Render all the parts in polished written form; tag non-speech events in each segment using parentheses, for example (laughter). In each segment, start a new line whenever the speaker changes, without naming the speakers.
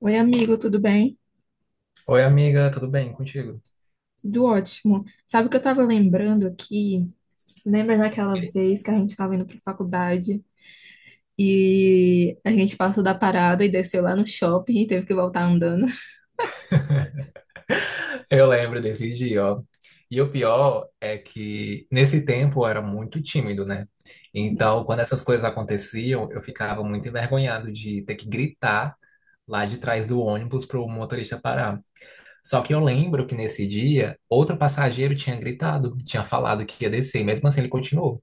Oi, amigo, tudo bem?
Oi, amiga, tudo bem contigo?
Tudo ótimo. Sabe o que eu tava lembrando aqui? Lembra daquela vez que a gente tava indo pra faculdade e a gente passou da parada e desceu lá no shopping e teve que voltar andando?
Eu lembro desse dia, ó. E o pior é que nesse tempo eu era muito tímido, né? Então, quando essas coisas aconteciam, eu ficava muito envergonhado de ter que gritar lá de trás do ônibus pro motorista parar. Só que eu lembro que nesse dia, outro passageiro tinha gritado, tinha falado que ia descer, e mesmo assim ele continuou.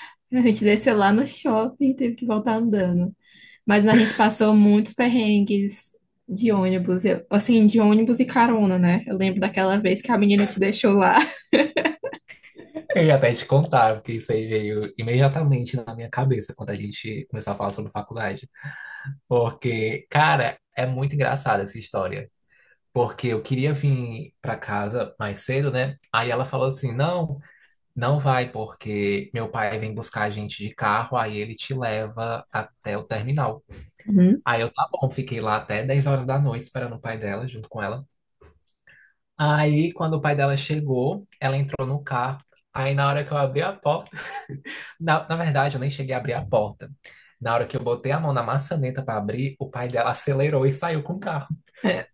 (laughs) A gente desceu lá no shopping e teve que voltar andando. Mas a gente passou muitos perrengues de ônibus, assim, de ônibus e carona, né? Eu lembro daquela vez que a menina te deixou lá. (laughs)
Eu ia até te contar, porque isso aí veio imediatamente na minha cabeça quando a gente começou a falar sobre faculdade. Porque, cara, é muito engraçada essa história. Porque eu queria vir pra casa mais cedo, né? Aí ela falou assim: não, não vai, porque meu pai vem buscar a gente de carro, aí ele te leva até o terminal.
Uhum.
Aí eu, tá bom, fiquei lá até 22:00 esperando o pai dela, junto com ela. Aí, quando o pai dela chegou, ela entrou no carro. Aí, na hora que eu abri a porta, na verdade, eu nem cheguei a abrir a porta. Na hora que eu botei a mão na maçaneta pra abrir, o pai dela acelerou e saiu com o carro.
É,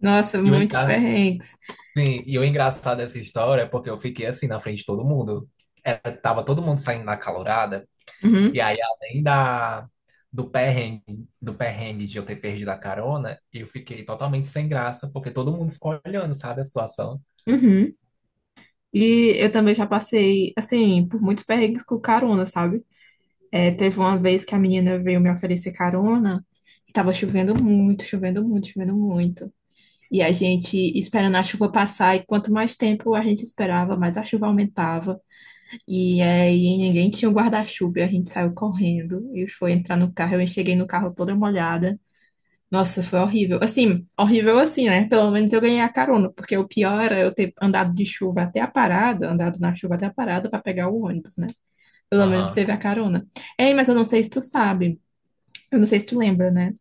nossa,
E eu, em
muitos
casa-
perrengues.
Sim, e o engraçado dessa história é porque eu fiquei assim na frente de todo mundo. Era, tava todo mundo saindo na calorada.
Uhum.
E aí, além da, do perrengue, do perrengue de eu ter perdido a carona, eu fiquei totalmente sem graça, porque todo mundo ficou olhando, sabe, a situação.
Uhum. E eu também já passei, assim, por muitos perrengues com carona, sabe? É, teve uma vez que a menina veio me oferecer carona e tava chovendo muito, chovendo muito, chovendo muito. E a gente esperando a chuva passar, e quanto mais tempo a gente esperava, mais a chuva aumentava. E aí ninguém tinha um guarda-chuva, e a gente saiu correndo. E foi entrar no carro, eu cheguei no carro toda molhada. Nossa, foi horrível. Assim, horrível assim, né? Pelo menos eu ganhei a carona, porque o pior era eu ter andado de chuva até a parada, andado na chuva até a parada para pegar o ônibus, né? Pelo menos
Aham.
teve a carona. Ei, mas eu não sei se tu sabe, eu não sei se tu lembra, né?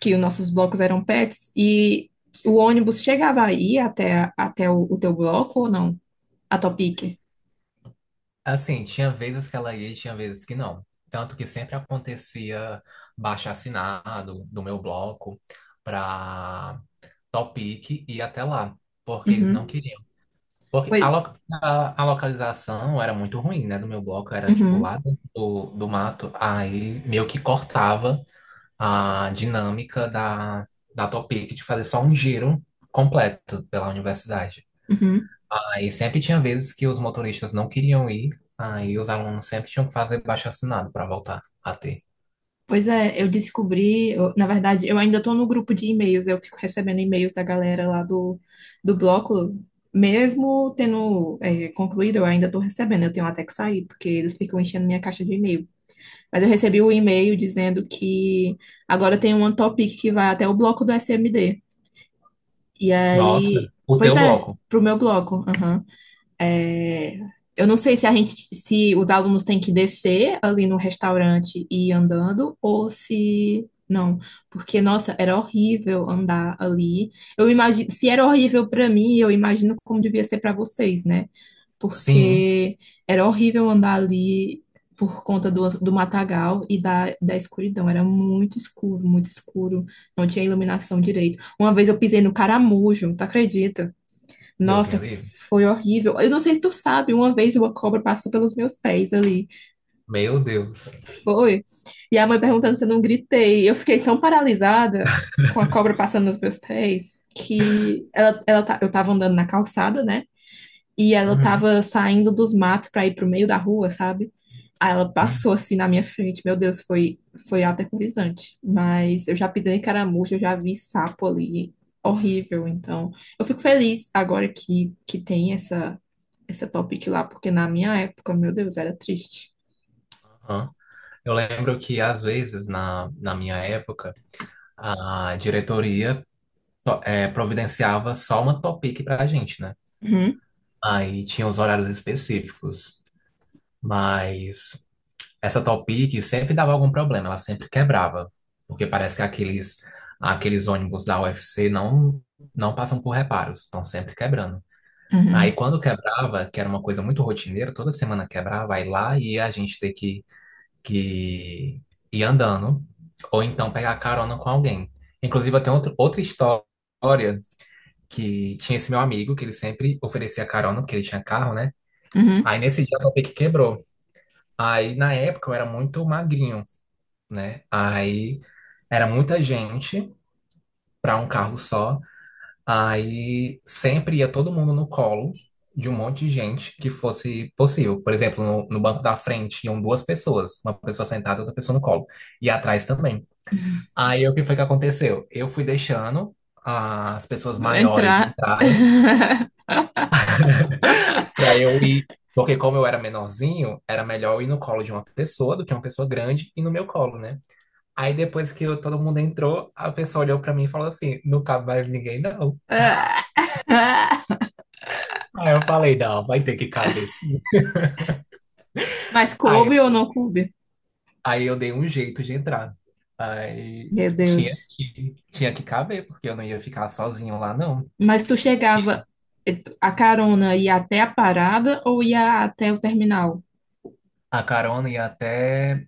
Que os nossos blocos eram pets e o ônibus chegava aí até o teu bloco ou não? A tua pique.
Assim, tinha vezes que ela ia e tinha vezes que não. Tanto que sempre acontecia baixo assinado do meu bloco para Topic e até lá, porque eles não
Uhum.
queriam. Porque a,
Pois,
lo- a localização era muito ruim, né? Do meu bloco era tipo
uhum,
lá dentro do, do mato, aí meio que cortava a dinâmica da, da Topic de fazer só um giro completo pela universidade.
uhum.
Aí sempre tinha vezes que os motoristas não queriam ir, aí os alunos sempre tinham que fazer abaixo-assinado para voltar a ter.
Pois é, eu descobri, na verdade, eu ainda tô no grupo de e-mails, eu fico recebendo e-mails da galera lá do bloco, mesmo tendo concluído, eu ainda tô recebendo, eu tenho até que sair, porque eles ficam enchendo minha caixa de e-mail. Mas eu recebi o e-mail dizendo que agora tem um topic que vai até o bloco do SMD. E aí,
Nossa, o
pois
teu
é,
bloco?
pro meu bloco, é, eu não sei se a gente, se os alunos têm que descer ali no restaurante e ir andando, ou se não, porque nossa, era horrível andar ali. Eu imagino, se era horrível para mim, eu imagino como devia ser para vocês, né?
Sim,
Porque era horrível andar ali por conta do matagal e da escuridão. Era muito escuro, muito escuro. Não tinha iluminação direito. Uma vez eu pisei no caramujo, tu acredita?
Deus me
Nossa,
livre.
foi horrível. Eu não sei se tu sabe, uma vez uma cobra passou pelos meus pés ali.
Meu Deus.
Foi. E a mãe perguntando se eu não gritei. Eu fiquei tão paralisada com a cobra passando nos meus pés que eu tava andando na calçada, né? E ela
Uhum,
tava saindo dos matos pra ir pro meio da rua, sabe? Aí ela
uhum,
passou assim na minha frente. Meu Deus, foi aterrorizante. Mas eu já pisei em caramujo, eu já vi sapo ali. Horrível, então. Eu fico feliz agora que tem essa topic lá, porque na minha época, meu Deus, era triste.
uhum. Eu lembro que, às vezes, na, na minha época, a diretoria to- providenciava só uma topic pra gente, né?
Uhum,
Aí tinha os horários específicos. Mas essa topic sempre dava algum problema, ela sempre quebrava. Porque parece que aqueles, aqueles ônibus da UFC não, não passam por reparos, estão sempre quebrando. Aí
uhum,
quando quebrava, que era uma coisa muito rotineira, toda semana quebrava, aí lá ia a gente ter que ir andando, ou então pegar carona com alguém. Inclusive, eu tenho outro, outra história que tinha esse meu amigo, que ele sempre oferecia carona, porque ele tinha carro, né?
uhum.
Aí nesse dia o meu pique quebrou. Aí na época eu era muito magrinho, né? Aí era muita gente para um carro só. Aí sempre ia todo mundo no colo de um monte de gente que fosse possível. Por exemplo, no, no banco da frente iam duas pessoas, uma pessoa sentada e outra pessoa no colo. E atrás também. Aí o que foi que aconteceu? Eu fui deixando as pessoas maiores
Entrar.
entrarem
(laughs)
para eu ir, porque como eu era menorzinho, era melhor eu ir no colo de uma pessoa do que uma pessoa grande e no meu colo, né? Aí depois que eu- todo mundo entrou, a pessoa olhou para mim e falou assim: não cabe mais ninguém, não. Aí eu falei: não, vai ter que caber sim.
Mas
Aí,
coube ou
eu-
não coube?
aí eu dei um jeito de entrar. Aí
Meu
tinha
Deus.
que caber, porque eu não ia ficar sozinho lá, não.
Mas tu chegava, a carona ia até a parada ou ia até o terminal?
A carona ia até.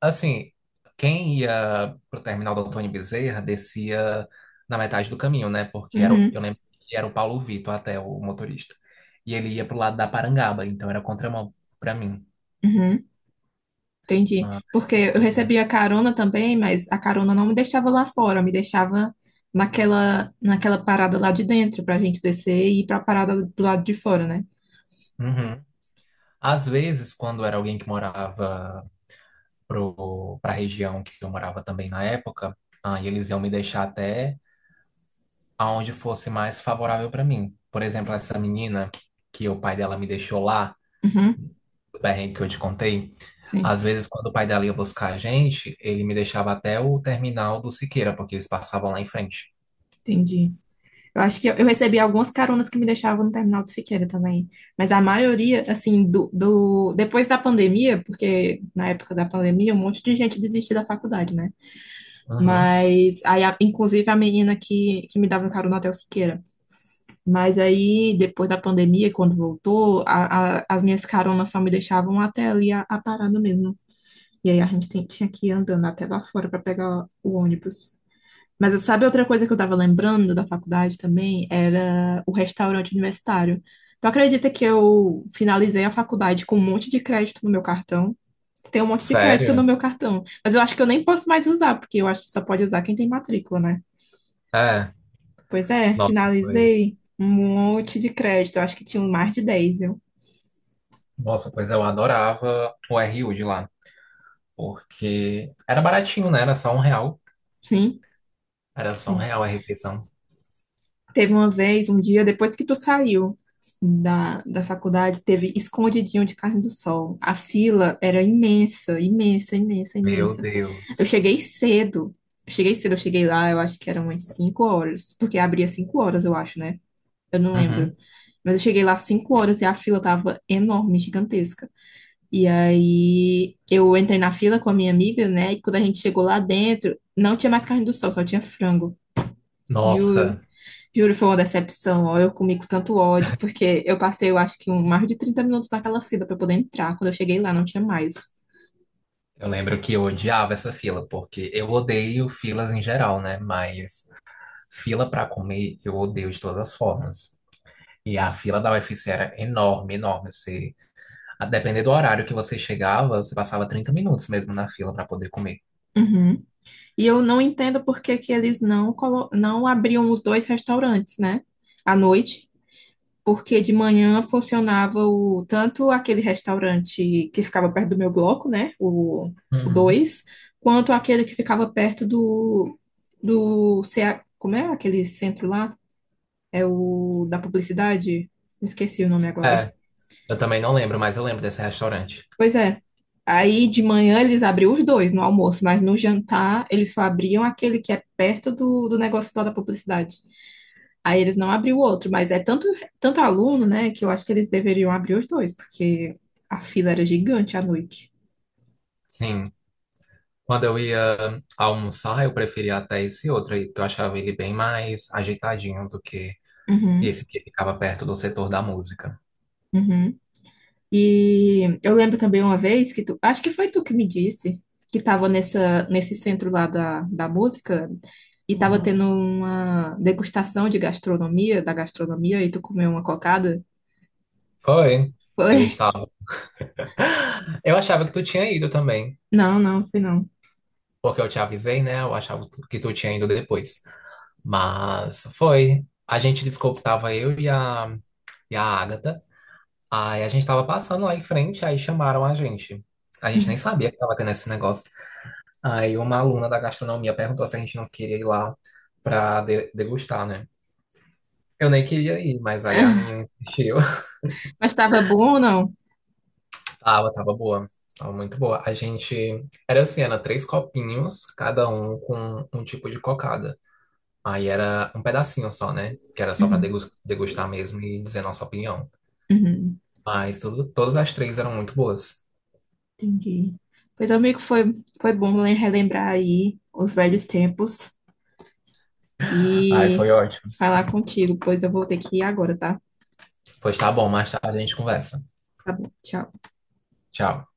Assim, quem ia pro terminal do Antônio Bezerra descia na metade do caminho, né? Porque era, o-
Uhum,
eu lembro que era o Paulo Vitor até o motorista. E ele ia pro lado da Parangaba, então era contramão pra mim.
uhum. Entendi.
Ah,
Porque eu
pois é.
recebia carona também, mas a carona não me deixava lá fora, me deixava naquela parada lá de dentro, pra gente descer e ir pra parada do lado de fora, né?
Uhum. Às vezes, quando era alguém que morava pro, pra região que eu morava também na época, ah, e eles iam me deixar até aonde fosse mais favorável pra mim. Por exemplo, essa menina que o pai dela me deixou lá,
Uhum,
do perrengue que eu te contei,
sim.
às vezes quando o pai dela ia buscar a gente, ele me deixava até o terminal do Siqueira, porque eles passavam lá em frente.
Entendi. Eu acho que eu recebi algumas caronas que me deixavam no terminal de Siqueira também. Mas a maioria, assim, do depois da pandemia, porque na época da pandemia um monte de gente desistiu da faculdade, né?
Uhum.
Mas aí, inclusive a menina que me dava carona até o Siqueira. Mas aí, depois da pandemia, quando voltou, as minhas caronas só me deixavam até ali a parada mesmo. E aí a gente tinha que ir andando até lá fora para pegar o ônibus. Mas sabe outra coisa que eu tava lembrando da faculdade também? Era o restaurante universitário. Tu acredita que eu finalizei a faculdade com um monte de crédito no meu cartão? Tem um monte de crédito no
Sério?
meu cartão. Mas eu acho que eu nem posso mais usar, porque eu acho que só pode usar quem tem matrícula, né?
É.
Pois é,
Nossa, pois,
finalizei um monte de crédito. Eu acho que tinha um mais de 10, viu?
nossa, pois eu adorava o RU de lá, porque era baratinho, né? Era só R$ 1.
Sim,
Era só um
sim.
real a refeição.
Teve uma vez, um dia depois que tu saiu da faculdade, teve escondidinho de carne do sol. A fila era imensa, imensa, imensa,
Meu
imensa. Eu
Deus.
cheguei cedo. Eu cheguei cedo, eu cheguei lá, eu acho que eram umas 5h, porque abria 5h, eu acho, né? Eu não lembro.
Uhum.
Mas eu cheguei lá 5h e a fila tava enorme, gigantesca. E aí eu entrei na fila com a minha amiga, né? E quando a gente chegou lá dentro, não tinha mais carne do sol, só tinha frango. Juro.
Nossa,
Juro, foi uma decepção, ó, eu comi com tanto ódio, porque eu passei, eu acho que um, mais de 30 minutos naquela fila para poder entrar. Quando eu cheguei lá, não tinha mais.
eu lembro que eu odiava essa fila, porque eu odeio filas em geral, né? Mas fila pra comer eu odeio de todas as formas. E a fila da UFC era enorme, enorme. Você, a depender do horário que você chegava, você passava 30 minutos mesmo na fila para poder comer.
Uhum. E eu não entendo por que que eles não, não abriam os dois restaurantes, né? À noite, porque de manhã funcionava tanto aquele restaurante que ficava perto do meu bloco, né? O
Uhum.
2, quanto aquele que ficava perto do CA, como é aquele centro lá? É o da publicidade? Me esqueci o nome agora.
É, eu também não lembro, mas eu lembro desse restaurante.
Pois é. Aí de manhã eles abriam os dois no almoço, mas no jantar eles só abriam aquele que é perto do negócio lá da publicidade. Aí eles não abriam o outro, mas é tanto, tanto aluno, né, que eu acho que eles deveriam abrir os dois, porque a fila era gigante à noite.
Sim, quando eu ia almoçar, eu preferia até esse outro aí, porque eu achava ele bem mais ajeitadinho do que
Uhum,
esse que ficava perto do setor da música.
uhum. E eu lembro também uma vez que tu, acho que foi tu que me disse, que tava nessa, nesse centro lá da música e tava tendo uma degustação de gastronomia, da gastronomia, e tu comeu uma cocada.
Foi. Ele
Foi?
estava. (laughs) Eu achava que tu tinha ido também,
Não, não, foi não.
porque eu te avisei, né? Eu achava que tu tinha ido depois. Mas foi. A gente descobriu, tava eu e a Agatha. Aí a gente tava passando lá em frente, aí chamaram a gente. A gente nem sabia que tava tendo esse negócio. Aí uma aluna da gastronomia perguntou se a gente não queria ir lá pra de- degustar, né? Eu nem queria ir, mas aí a
(laughs)
minha insistiu. (laughs)
Mas tava bom ou não?
Tava, tava boa. Tava muito boa. A gente. Era assim, era 3 copinhos, cada um com um tipo de cocada. Aí era um pedacinho só, né? Que era só pra
Uhum,
degus- degustar mesmo e dizer nossa opinião.
uhum,
Mas tudo, todas as 3 eram muito boas.
entendi. Pois, amigo, foi bom relembrar aí os velhos tempos
Aí foi
e
ótimo.
falar contigo, pois eu vou ter que ir agora, tá?
Pois tá bom, mais tarde a gente conversa.
Tá bom, tchau.
Tchau.